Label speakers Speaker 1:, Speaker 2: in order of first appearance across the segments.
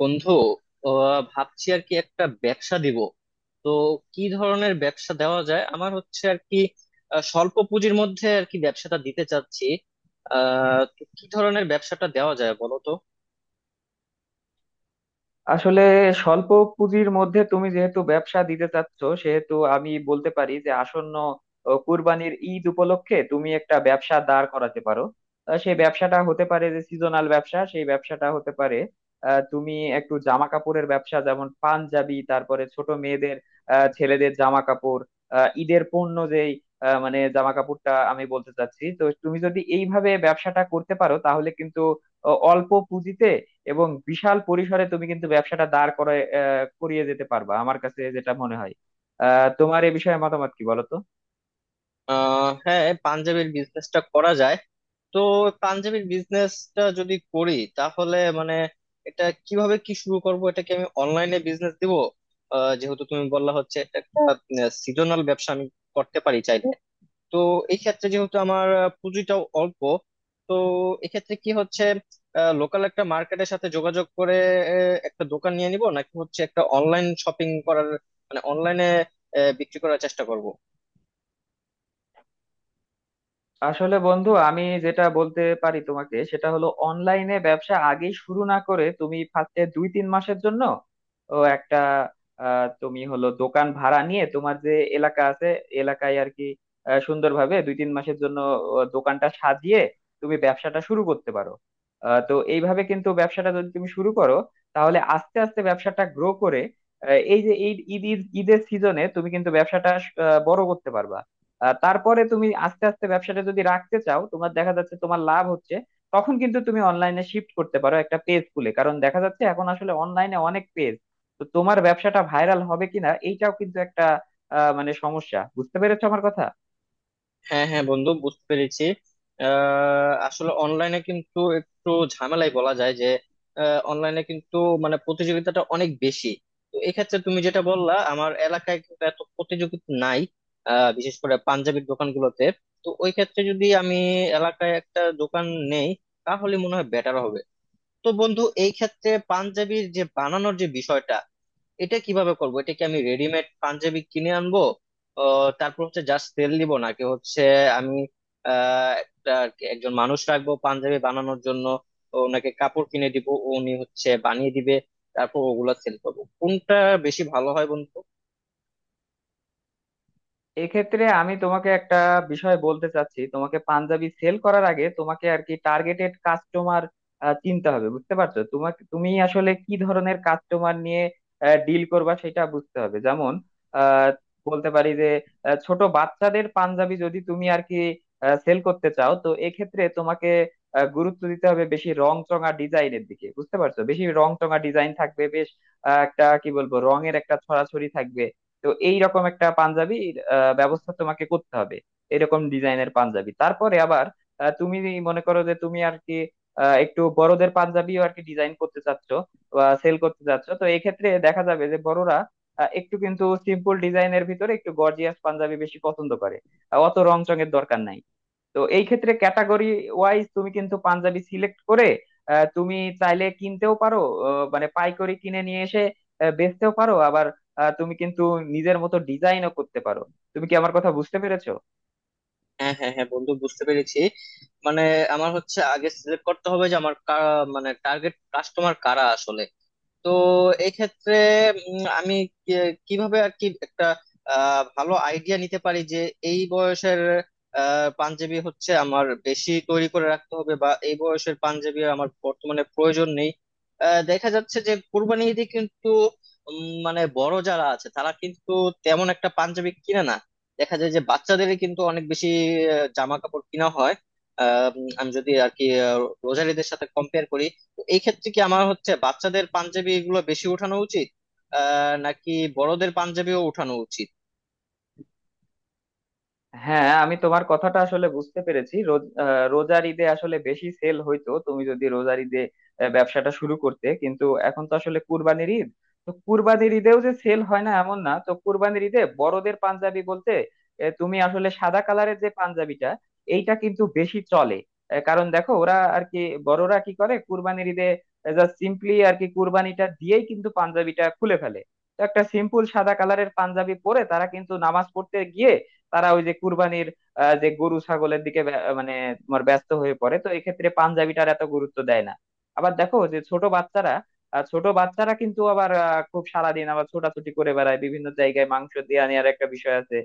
Speaker 1: বন্ধু, ভাবছি আর কি একটা ব্যবসা দিব। তো কি ধরনের ব্যবসা দেওয়া যায় আমার হচ্ছে আর কি। স্বল্প পুঁজির মধ্যে আর কি ব্যবসাটা দিতে চাচ্ছি। তো কি ধরনের ব্যবসাটা দেওয়া যায় বলো তো?
Speaker 2: আসলে স্বল্প পুঁজির মধ্যে তুমি যেহেতু ব্যবসা দিতে চাচ্ছ সেহেতু আমি বলতে পারি যে আসন্ন কুরবানির ঈদ উপলক্ষে তুমি একটা ব্যবসা দাঁড় করাতে পারো। সেই ব্যবসাটা হতে পারে যে সিজনাল ব্যবসা, সেই ব্যবসাটা হতে পারে তুমি একটু জামা কাপড়ের ব্যবসা, যেমন পাঞ্জাবি, তারপরে ছোট মেয়েদের ছেলেদের জামা কাপড়, ঈদের পণ্য যেই মানে জামা কাপড়টা আমি বলতে চাচ্ছি। তো তুমি যদি এইভাবে ব্যবসাটা করতে পারো তাহলে কিন্তু অল্প পুঁজিতে এবং বিশাল পরিসরে তুমি কিন্তু ব্যবসাটা দাঁড় করে করিয়ে যেতে পারবা, আমার কাছে যেটা মনে হয়। তোমার এ বিষয়ে মতামত কি বলো তো?
Speaker 1: হ্যাঁ, পাঞ্জাবির বিজনেসটা করা যায়। তো পাঞ্জাবির বিজনেসটা যদি করি তাহলে মানে এটা কিভাবে কি শুরু করব, এটা কি আমি অনলাইনে বিজনেস দিব? যেহেতু তুমি বললা হচ্ছে এটা একটা সিজনাল ব্যবসা, আমি করতে পারি চাই। তো এই ক্ষেত্রে যেহেতু আমার পুঁজিটাও অল্প, তো এক্ষেত্রে কি হচ্ছে লোকাল একটা মার্কেটের সাথে যোগাযোগ করে একটা দোকান নিয়ে নিব, নাকি হচ্ছে একটা অনলাইন শপিং করার, মানে অনলাইনে বিক্রি করার চেষ্টা করব?
Speaker 2: আসলে বন্ধু, আমি যেটা বলতে পারি তোমাকে সেটা হলো অনলাইনে ব্যবসা আগে শুরু না করে তুমি ফার্স্টে দুই তিন মাসের জন্য একটা তুমি হলো দোকান ভাড়া নিয়ে তোমার যে এলাকা আছে এলাকায় আর কি সুন্দরভাবে দুই তিন মাসের জন্য দোকানটা সাজিয়ে তুমি ব্যবসাটা শুরু করতে পারো। তো এইভাবে কিন্তু ব্যবসাটা যদি তুমি শুরু করো তাহলে আস্তে আস্তে ব্যবসাটা গ্রো করে এই যে ঈদ ঈদ, ঈদের সিজনে তুমি কিন্তু ব্যবসাটা বড় করতে পারবা। তারপরে তুমি আস্তে আস্তে ব্যবসাটা যদি রাখতে চাও, তোমার দেখা যাচ্ছে তোমার লাভ হচ্ছে, তখন কিন্তু তুমি অনলাইনে শিফট করতে পারো একটা পেজ খুলে, কারণ দেখা যাচ্ছে এখন আসলে অনলাইনে অনেক পেজ। তো তোমার ব্যবসাটা ভাইরাল হবে কিনা এইটাও কিন্তু একটা মানে সমস্যা। বুঝতে পেরেছো আমার কথা?
Speaker 1: হ্যাঁ হ্যাঁ বন্ধু, বুঝতে পেরেছি। আসলে অনলাইনে কিন্তু একটু ঝামেলাই বলা যায় যে, অনলাইনে কিন্তু মানে প্রতিযোগিতাটা অনেক বেশি। তো এক্ষেত্রে তুমি যেটা বললা, আমার এলাকায় কিন্তু এত প্রতিযোগিতা নাই, বিশেষ করে পাঞ্জাবির দোকানগুলোতে। তো ওই ক্ষেত্রে যদি আমি এলাকায় একটা দোকান নেই, তাহলে মনে হয় বেটার হবে। তো বন্ধু এই ক্ষেত্রে পাঞ্জাবির যে বানানোর যে বিষয়টা, এটা কিভাবে করবো, এটা কি আমি রেডিমেড পাঞ্জাবি কিনে আনবো, তারপর হচ্ছে জাস্ট তেল দিব, নাকি হচ্ছে আমি আহ, একটা একজন মানুষ রাখবো পাঞ্জাবি বানানোর জন্য, ওনাকে কাপড় কিনে দিব, উনি হচ্ছে বানিয়ে দিবে, তারপর ওগুলা সেল করবো? কোনটা বেশি ভালো হয় বন্ধু?
Speaker 2: এক্ষেত্রে আমি তোমাকে একটা বিষয় বলতে চাচ্ছি। তোমাকে পাঞ্জাবি সেল করার আগে তোমাকে আর কি টার্গেটেড কাস্টমার চিনতে হবে। বুঝতে পারছো, তোমাকে তুমি আসলে কি ধরনের কাস্টমার নিয়ে ডিল করবা সেটা বুঝতে হবে। যেমন আহ, বলতে পারি যে ছোট বাচ্চাদের পাঞ্জাবি যদি তুমি আর কি সেল করতে চাও, তো এক্ষেত্রে তোমাকে গুরুত্ব দিতে হবে বেশি রং চঙা ডিজাইনের দিকে। বুঝতে পারছো, বেশি রং চঙা ডিজাইন থাকবে, বেশ একটা কি বলবো রঙের একটা ছড়াছড়ি থাকবে। তো এইরকম একটা পাঞ্জাবির ব্যবস্থা তোমাকে করতে হবে, এরকম ডিজাইনের পাঞ্জাবি। তারপরে আবার তুমি মনে করো যে তুমি আর কি একটু বড়দের পাঞ্জাবিও আর কি ডিজাইন করতে চাচ্ছ বা সেল করতে চাচ্ছ, তো এক্ষেত্রে দেখা যাবে যে বড়রা একটু কিন্তু সিম্পল ডিজাইনের ভিতরে একটু গর্জিয়াস পাঞ্জাবি বেশি পছন্দ করে। অত রং চঙের দরকার নাই। তো এই ক্ষেত্রে ক্যাটাগরি ওয়াইজ তুমি কিন্তু পাঞ্জাবি সিলেক্ট করে তুমি চাইলে কিনতেও পারো, মানে পাইকারি কিনে নিয়ে এসে বেচতেও পারো। আবার তুমি কিন্তু নিজের মতো ডিজাইনও করতে পারো। তুমি কি আমার কথা বুঝতে পেরেছো?
Speaker 1: হ্যাঁ হ্যাঁ হ্যাঁ বন্ধু, বুঝতে পেরেছি। মানে আমার হচ্ছে আগে সিলেক্ট করতে হবে যে আমার মানে টার্গেট কাস্টমার কারা আসলে। তো এক্ষেত্রে আমি কিভাবে আর কি একটা ভালো আইডিয়া নিতে পারি যে এই বয়সের পাঞ্জাবি হচ্ছে আমার বেশি তৈরি করে রাখতে হবে, বা এই বয়সের পাঞ্জাবি আমার বর্তমানে প্রয়োজন নেই। দেখা যাচ্ছে যে কোরবানি ঈদে কিন্তু মানে বড় যারা আছে তারা কিন্তু তেমন একটা পাঞ্জাবি কিনে না, দেখা যায় যে বাচ্চাদেরই কিন্তু অনেক বেশি জামা কাপড় কিনা হয়। আমি যদি আর কি রোজার ঈদের সাথে কম্পেয়ার করি, তো এই ক্ষেত্রে কি আমার হচ্ছে বাচ্চাদের পাঞ্জাবি এগুলো বেশি ওঠানো উচিত নাকি বড়দের পাঞ্জাবিও ওঠানো উচিত?
Speaker 2: হ্যাঁ, আমি তোমার কথাটা আসলে বুঝতে পেরেছি। রোজার ঈদে আসলে বেশি সেল হইতো। তুমি যদি রোজার ঈদে ব্যবসাটা শুরু করতে, কিন্তু এখন তো আসলে কুরবানির ঈদ। তো কুরবানির ঈদেও যে সেল হয় না এমন না। তো কুরবানির ঈদে বড়দের পাঞ্জাবি বলতে তুমি আসলে সাদা কালারের যে পাঞ্জাবিটা, এইটা কিন্তু বেশি চলে। কারণ দেখো, ওরা আর কি, বড়রা কি করে কুরবানির ঈদে, জাস্ট সিম্পলি আর কি কুরবানিটা দিয়েই কিন্তু পাঞ্জাবিটা খুলে ফেলে। তো একটা সিম্পল সাদা কালারের পাঞ্জাবি পরে তারা কিন্তু নামাজ পড়তে গিয়ে তারা ওই যে কুরবানির যে গরু ছাগলের দিকে মানে তোমার ব্যস্ত হয়ে পড়ে, তো এক্ষেত্রে পাঞ্জাবিটার এত গুরুত্ব দেয় না। আবার দেখো যে ছোট বাচ্চারা, ছোট বাচ্চারা কিন্তু আবার খুব সারাদিন আবার ছোটাছুটি করে বেড়ায় বিভিন্ন জায়গায়, মাংস দিয়ে নেওয়ার একটা বিষয় আছে।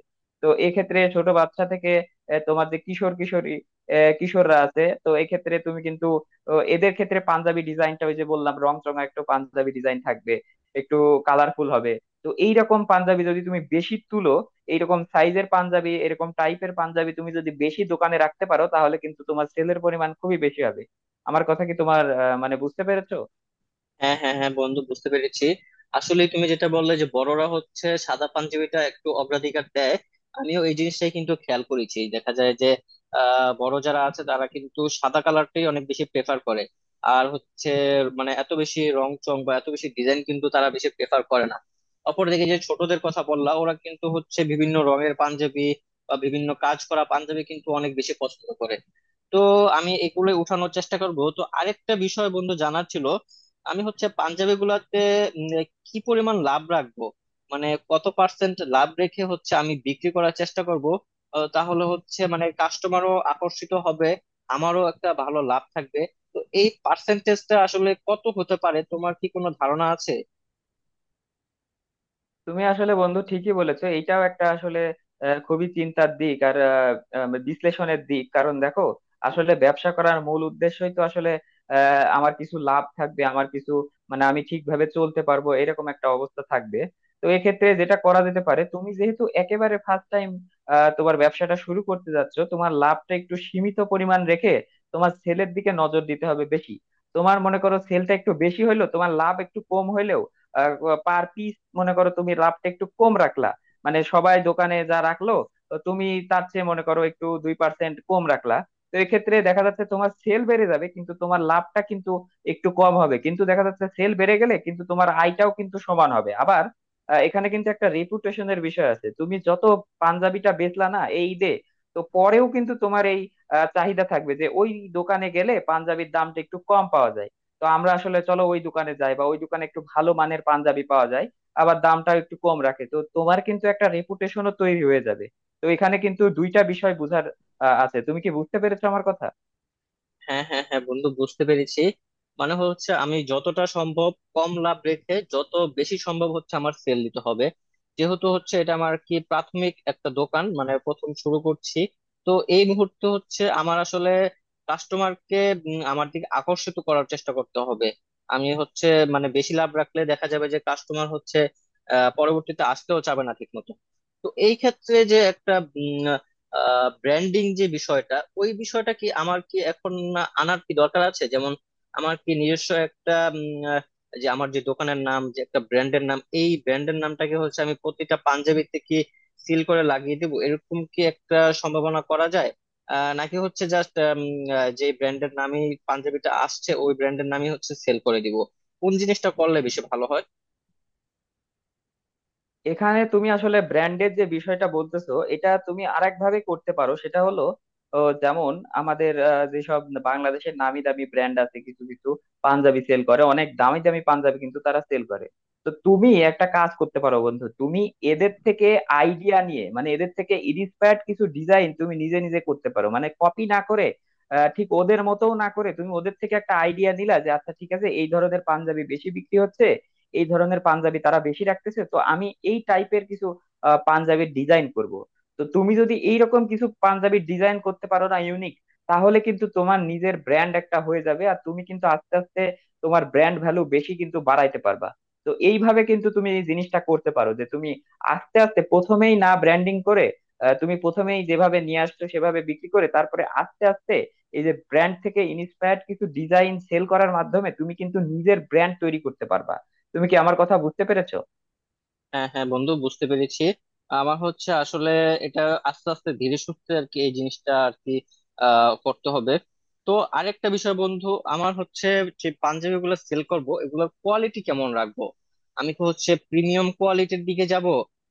Speaker 2: তো এক্ষেত্রে ছোট বাচ্চা থেকে তোমার যে কিশোর কিশোরী কিশোররা আছে, তো এক্ষেত্রে তুমি কিন্তু এদের ক্ষেত্রে পাঞ্জাবি ডিজাইনটা ওই যে বললাম রং চঙা একটু পাঞ্জাবি ডিজাইন থাকবে, একটু কালারফুল হবে। তো এইরকম পাঞ্জাবি যদি তুমি বেশি তুলো, এইরকম সাইজের পাঞ্জাবি, এরকম টাইপের পাঞ্জাবি তুমি যদি বেশি দোকানে রাখতে পারো, তাহলে কিন্তু তোমার সেলের পরিমাণ খুবই বেশি হবে। আমার কথা কি তোমার মানে বুঝতে পেরেছো?
Speaker 1: হ্যাঁ হ্যাঁ হ্যাঁ বন্ধু, বুঝতে পেরেছি। আসলে তুমি যেটা বললে যে বড়রা হচ্ছে সাদা পাঞ্জাবিটা একটু অগ্রাধিকার দেয়, আমিও এই জিনিসটাই কিন্তু খেয়াল করেছি। দেখা যায় যে বড় যারা আছে তারা কিন্তু সাদা কালারটাই অনেক বেশি প্রেফার করে। আর হচ্ছে মানে এত বেশি রং চং বা এত বেশি ডিজাইন কিন্তু তারা বেশি প্রেফার করে না। অপরদিকে যে ছোটদের কথা বললা, ওরা কিন্তু হচ্ছে বিভিন্ন রঙের পাঞ্জাবি বা বিভিন্ন কাজ করা পাঞ্জাবি কিন্তু অনেক বেশি পছন্দ করে। তো আমি এগুলোই উঠানোর চেষ্টা করব। তো আরেকটা বিষয় বন্ধু জানার ছিল, আমি হচ্ছে পাঞ্জাবি গুলাতে উম, কি পরিমাণ লাভ রাখবো, মানে কত পার্সেন্ট লাভ রেখে হচ্ছে আমি বিক্রি করার চেষ্টা করব, তাহলে হচ্ছে মানে কাস্টমারও আকর্ষিত হবে, আমারও একটা ভালো লাভ থাকবে? তো এই পার্সেন্টেজটা আসলে কত হতে পারে, তোমার কি কোনো ধারণা আছে?
Speaker 2: তুমি আসলে বন্ধু ঠিকই বলেছো। এইটাও একটা আসলে খুবই চিন্তার দিক আর আহ, আহ, বিশ্লেষণের দিক। কারণ দেখো, আসলে ব্যবসা করার মূল উদ্দেশ্যই তো আসলে আমার কিছু লাভ থাকবে, আমার কিছু মানে আমি ঠিকভাবে চলতে পারবো এরকম একটা অবস্থা থাকবে। তো এক্ষেত্রে যেটা করা যেতে পারে, তুমি যেহেতু একেবারে ফার্স্ট টাইম তোমার ব্যবসাটা শুরু করতে যাচ্ছ, তোমার লাভটা একটু সীমিত পরিমাণ রেখে তোমার সেলের দিকে নজর দিতে হবে বেশি। তোমার মনে করো সেলটা একটু বেশি হইলো তোমার লাভ একটু কম হইলেও, পার পিস মনে করো তুমি লাভটা একটু কম রাখলা মানে সবাই দোকানে যা রাখলো, তো তুমি তার চেয়ে মনে করো একটু 2% কম রাখলা। তো এক্ষেত্রে দেখা যাচ্ছে তোমার সেল বেড়ে যাবে, কিন্তু তোমার লাভটা কিন্তু একটু কম হবে, কিন্তু দেখা যাচ্ছে সেল বেড়ে গেলে কিন্তু তোমার আয়টাও কিন্তু সমান হবে আবার। এখানে কিন্তু একটা রেপুটেশনের বিষয় আছে। তুমি যত পাঞ্জাবিটা বেচলা না এই ঈদে, তো পরেও কিন্তু তোমার এই চাহিদা থাকবে যে ওই দোকানে গেলে পাঞ্জাবির দামটা একটু কম পাওয়া যায়। তো আমরা আসলে চলো ওই দোকানে যাই, বা ওই দোকানে একটু ভালো মানের পাঞ্জাবি পাওয়া যায় আবার দামটা একটু কম রাখে, তো তোমার কিন্তু একটা রেপুটেশনও তৈরি হয়ে যাবে। তো এখানে কিন্তু দুইটা বিষয় বুঝার আছে। তুমি কি বুঝতে পেরেছো আমার কথা?
Speaker 1: হ্যাঁ হ্যাঁ হ্যাঁ বন্ধু, বুঝতে পেরেছি। মানে হচ্ছে আমি যতটা সম্ভব কম লাভ রেখে যত বেশি সম্ভব হচ্ছে আমার সেল দিতে হবে। যেহেতু হচ্ছে এটা আমার কি প্রাথমিক একটা দোকান, মানে প্রথম শুরু করছি, তো এই মুহূর্তে হচ্ছে আমার আসলে কাস্টমারকে আমার দিকে আকর্ষিত করার চেষ্টা করতে হবে। আমি হচ্ছে মানে বেশি লাভ রাখলে দেখা যাবে যে কাস্টমার হচ্ছে পরবর্তীতে আসতেও চাবে না ঠিক মতো। তো এই ক্ষেত্রে যে একটা ব্র্যান্ডিং যে বিষয়টা, ওই বিষয়টা কি আমার কি এখন আনার কি দরকার আছে? যেমন আমার কি নিজস্ব একটা যে আমার যে দোকানের নাম, যে একটা ব্র্যান্ডের নাম, এই ব্র্যান্ডের নামটাকে হচ্ছে আমি প্রতিটা পাঞ্জাবিতে কি সিল করে লাগিয়ে দেবো, এরকম কি একটা সম্ভাবনা করা যায়, নাকি হচ্ছে জাস্ট যে ব্র্যান্ডের নামই পাঞ্জাবিটা আসছে ওই ব্র্যান্ডের নামই হচ্ছে সেল করে দিব? কোন জিনিসটা করলে বেশি ভালো হয়?
Speaker 2: এখানে তুমি আসলে ব্র্যান্ডের যে বিষয়টা বলতেছো এটা তুমি আরেক ভাবে করতে পারো। সেটা হলো যেমন আমাদের যেসব বাংলাদেশের নামি দামি ব্র্যান্ড আছে কিছু কিছু পাঞ্জাবি সেল করে, অনেক দামি দামি পাঞ্জাবি কিন্তু তারা সেল করে। তো তুমি একটা কাজ করতে পারো বন্ধু, তুমি এদের থেকে আইডিয়া নিয়ে, মানে এদের থেকে ইন্সপায়ার্ড কিছু ডিজাইন তুমি নিজে নিজে করতে পারো, মানে কপি না করে ঠিক ওদের মতো না করে তুমি ওদের থেকে একটা আইডিয়া নিলা যে আচ্ছা ঠিক আছে এই ধরনের পাঞ্জাবি বেশি বিক্রি হচ্ছে, এই ধরনের পাঞ্জাবি তারা বেশি রাখতেছে, তো আমি এই টাইপের কিছু পাঞ্জাবির ডিজাইন করব। তো তুমি যদি এইরকম কিছু পাঞ্জাবির ডিজাইন করতে পারো, না ইউনিক, তাহলে কিন্তু তোমার নিজের ব্র্যান্ড একটা হয়ে যাবে। আর তুমি কিন্তু আস্তে আস্তে তোমার ব্র্যান্ড ভ্যালু বেশি কিন্তু বাড়াইতে পারবা। তো এইভাবে কিন্তু তুমি এই জিনিসটা করতে পারো যে তুমি আস্তে আস্তে প্রথমেই না ব্র্যান্ডিং করে তুমি প্রথমেই যেভাবে নিয়ে আসছো সেভাবে বিক্রি করে, তারপরে আস্তে আস্তে এই যে ব্র্যান্ড থেকে ইন্সপায়ার্ড কিছু ডিজাইন সেল করার মাধ্যমে তুমি কিন্তু নিজের ব্র্যান্ড তৈরি করতে পারবা। তুমি কি আমার কথা বুঝতে পেরেছো?
Speaker 1: হ্যাঁ হ্যাঁ বন্ধু, বুঝতে পেরেছি। আমার হচ্ছে আসলে এটা আস্তে আস্তে ধীরে সুস্থে আর কি এই জিনিসটা আর কি করতে হবে। তো আরেকটা বিষয় বন্ধু, আমার হচ্ছে যে পাঞ্জাবি গুলো সেল করবো এগুলোর কোয়ালিটি কেমন রাখবো? আমি কি হচ্ছে প্রিমিয়াম কোয়ালিটির দিকে যাব,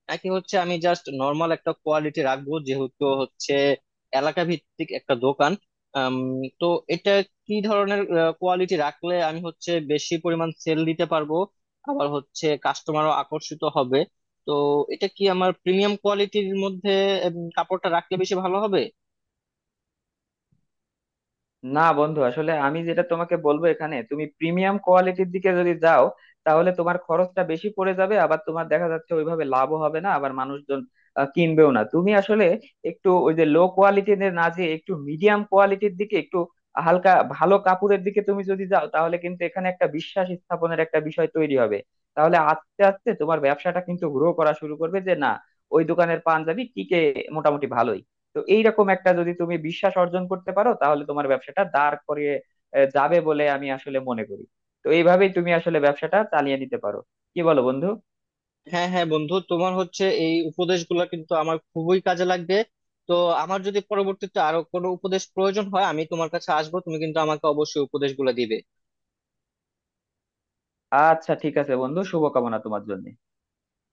Speaker 1: নাকি হচ্ছে আমি জাস্ট নর্মাল একটা কোয়ালিটি রাখবো, যেহেতু হচ্ছে এলাকা ভিত্তিক একটা দোকান। আম, তো এটা কি ধরনের কোয়ালিটি রাখলে আমি হচ্ছে বেশি পরিমাণ সেল দিতে পারবো, আবার হচ্ছে কাস্টমারও আকর্ষিত হবে? তো এটা কি আমার প্রিমিয়াম কোয়ালিটির মধ্যে কাপড়টা রাখলে বেশি ভালো হবে?
Speaker 2: না বন্ধু, আসলে আমি যেটা তোমাকে বলবো, এখানে তুমি প্রিমিয়াম কোয়ালিটির দিকে যদি যাও তাহলে তোমার খরচটা বেশি পড়ে যাবে, আবার তোমার দেখা যাচ্ছে ওইভাবে লাভও হবে না, আবার মানুষজন কিনবেও না। তুমি আসলে একটু ওই যে লো কোয়ালিটির না, যে একটু মিডিয়াম কোয়ালিটির দিকে, একটু হালকা ভালো কাপড়ের দিকে তুমি যদি যাও, তাহলে কিন্তু এখানে একটা বিশ্বাস স্থাপনের একটা বিষয় তৈরি হবে। তাহলে আস্তে আস্তে তোমার ব্যবসাটা কিন্তু গ্রো করা শুরু করবে যে না, ওই দোকানের পাঞ্জাবি টিকে মোটামুটি ভালোই। তো এইরকম একটা যদি তুমি বিশ্বাস অর্জন করতে পারো তাহলে তোমার ব্যবসাটা দাঁড় করিয়ে যাবে বলে আমি আসলে মনে করি। তো এইভাবেই তুমি আসলে ব্যবসাটা চালিয়ে নিতে পারো। কি বলো বন্ধু?
Speaker 1: হ্যাঁ হ্যাঁ বন্ধু, তোমার হচ্ছে এই উপদেশগুলো কিন্তু আমার খুবই কাজে লাগবে। তো আমার যদি পরবর্তীতে আরো কোনো উপদেশ প্রয়োজন হয়, আমি তোমার কাছে আসবো, তুমি কিন্তু আমাকে অবশ্যই উপদেশগুলো দিবে।
Speaker 2: আচ্ছা ঠিক আছে বন্ধু, শুভকামনা তোমার জন্য।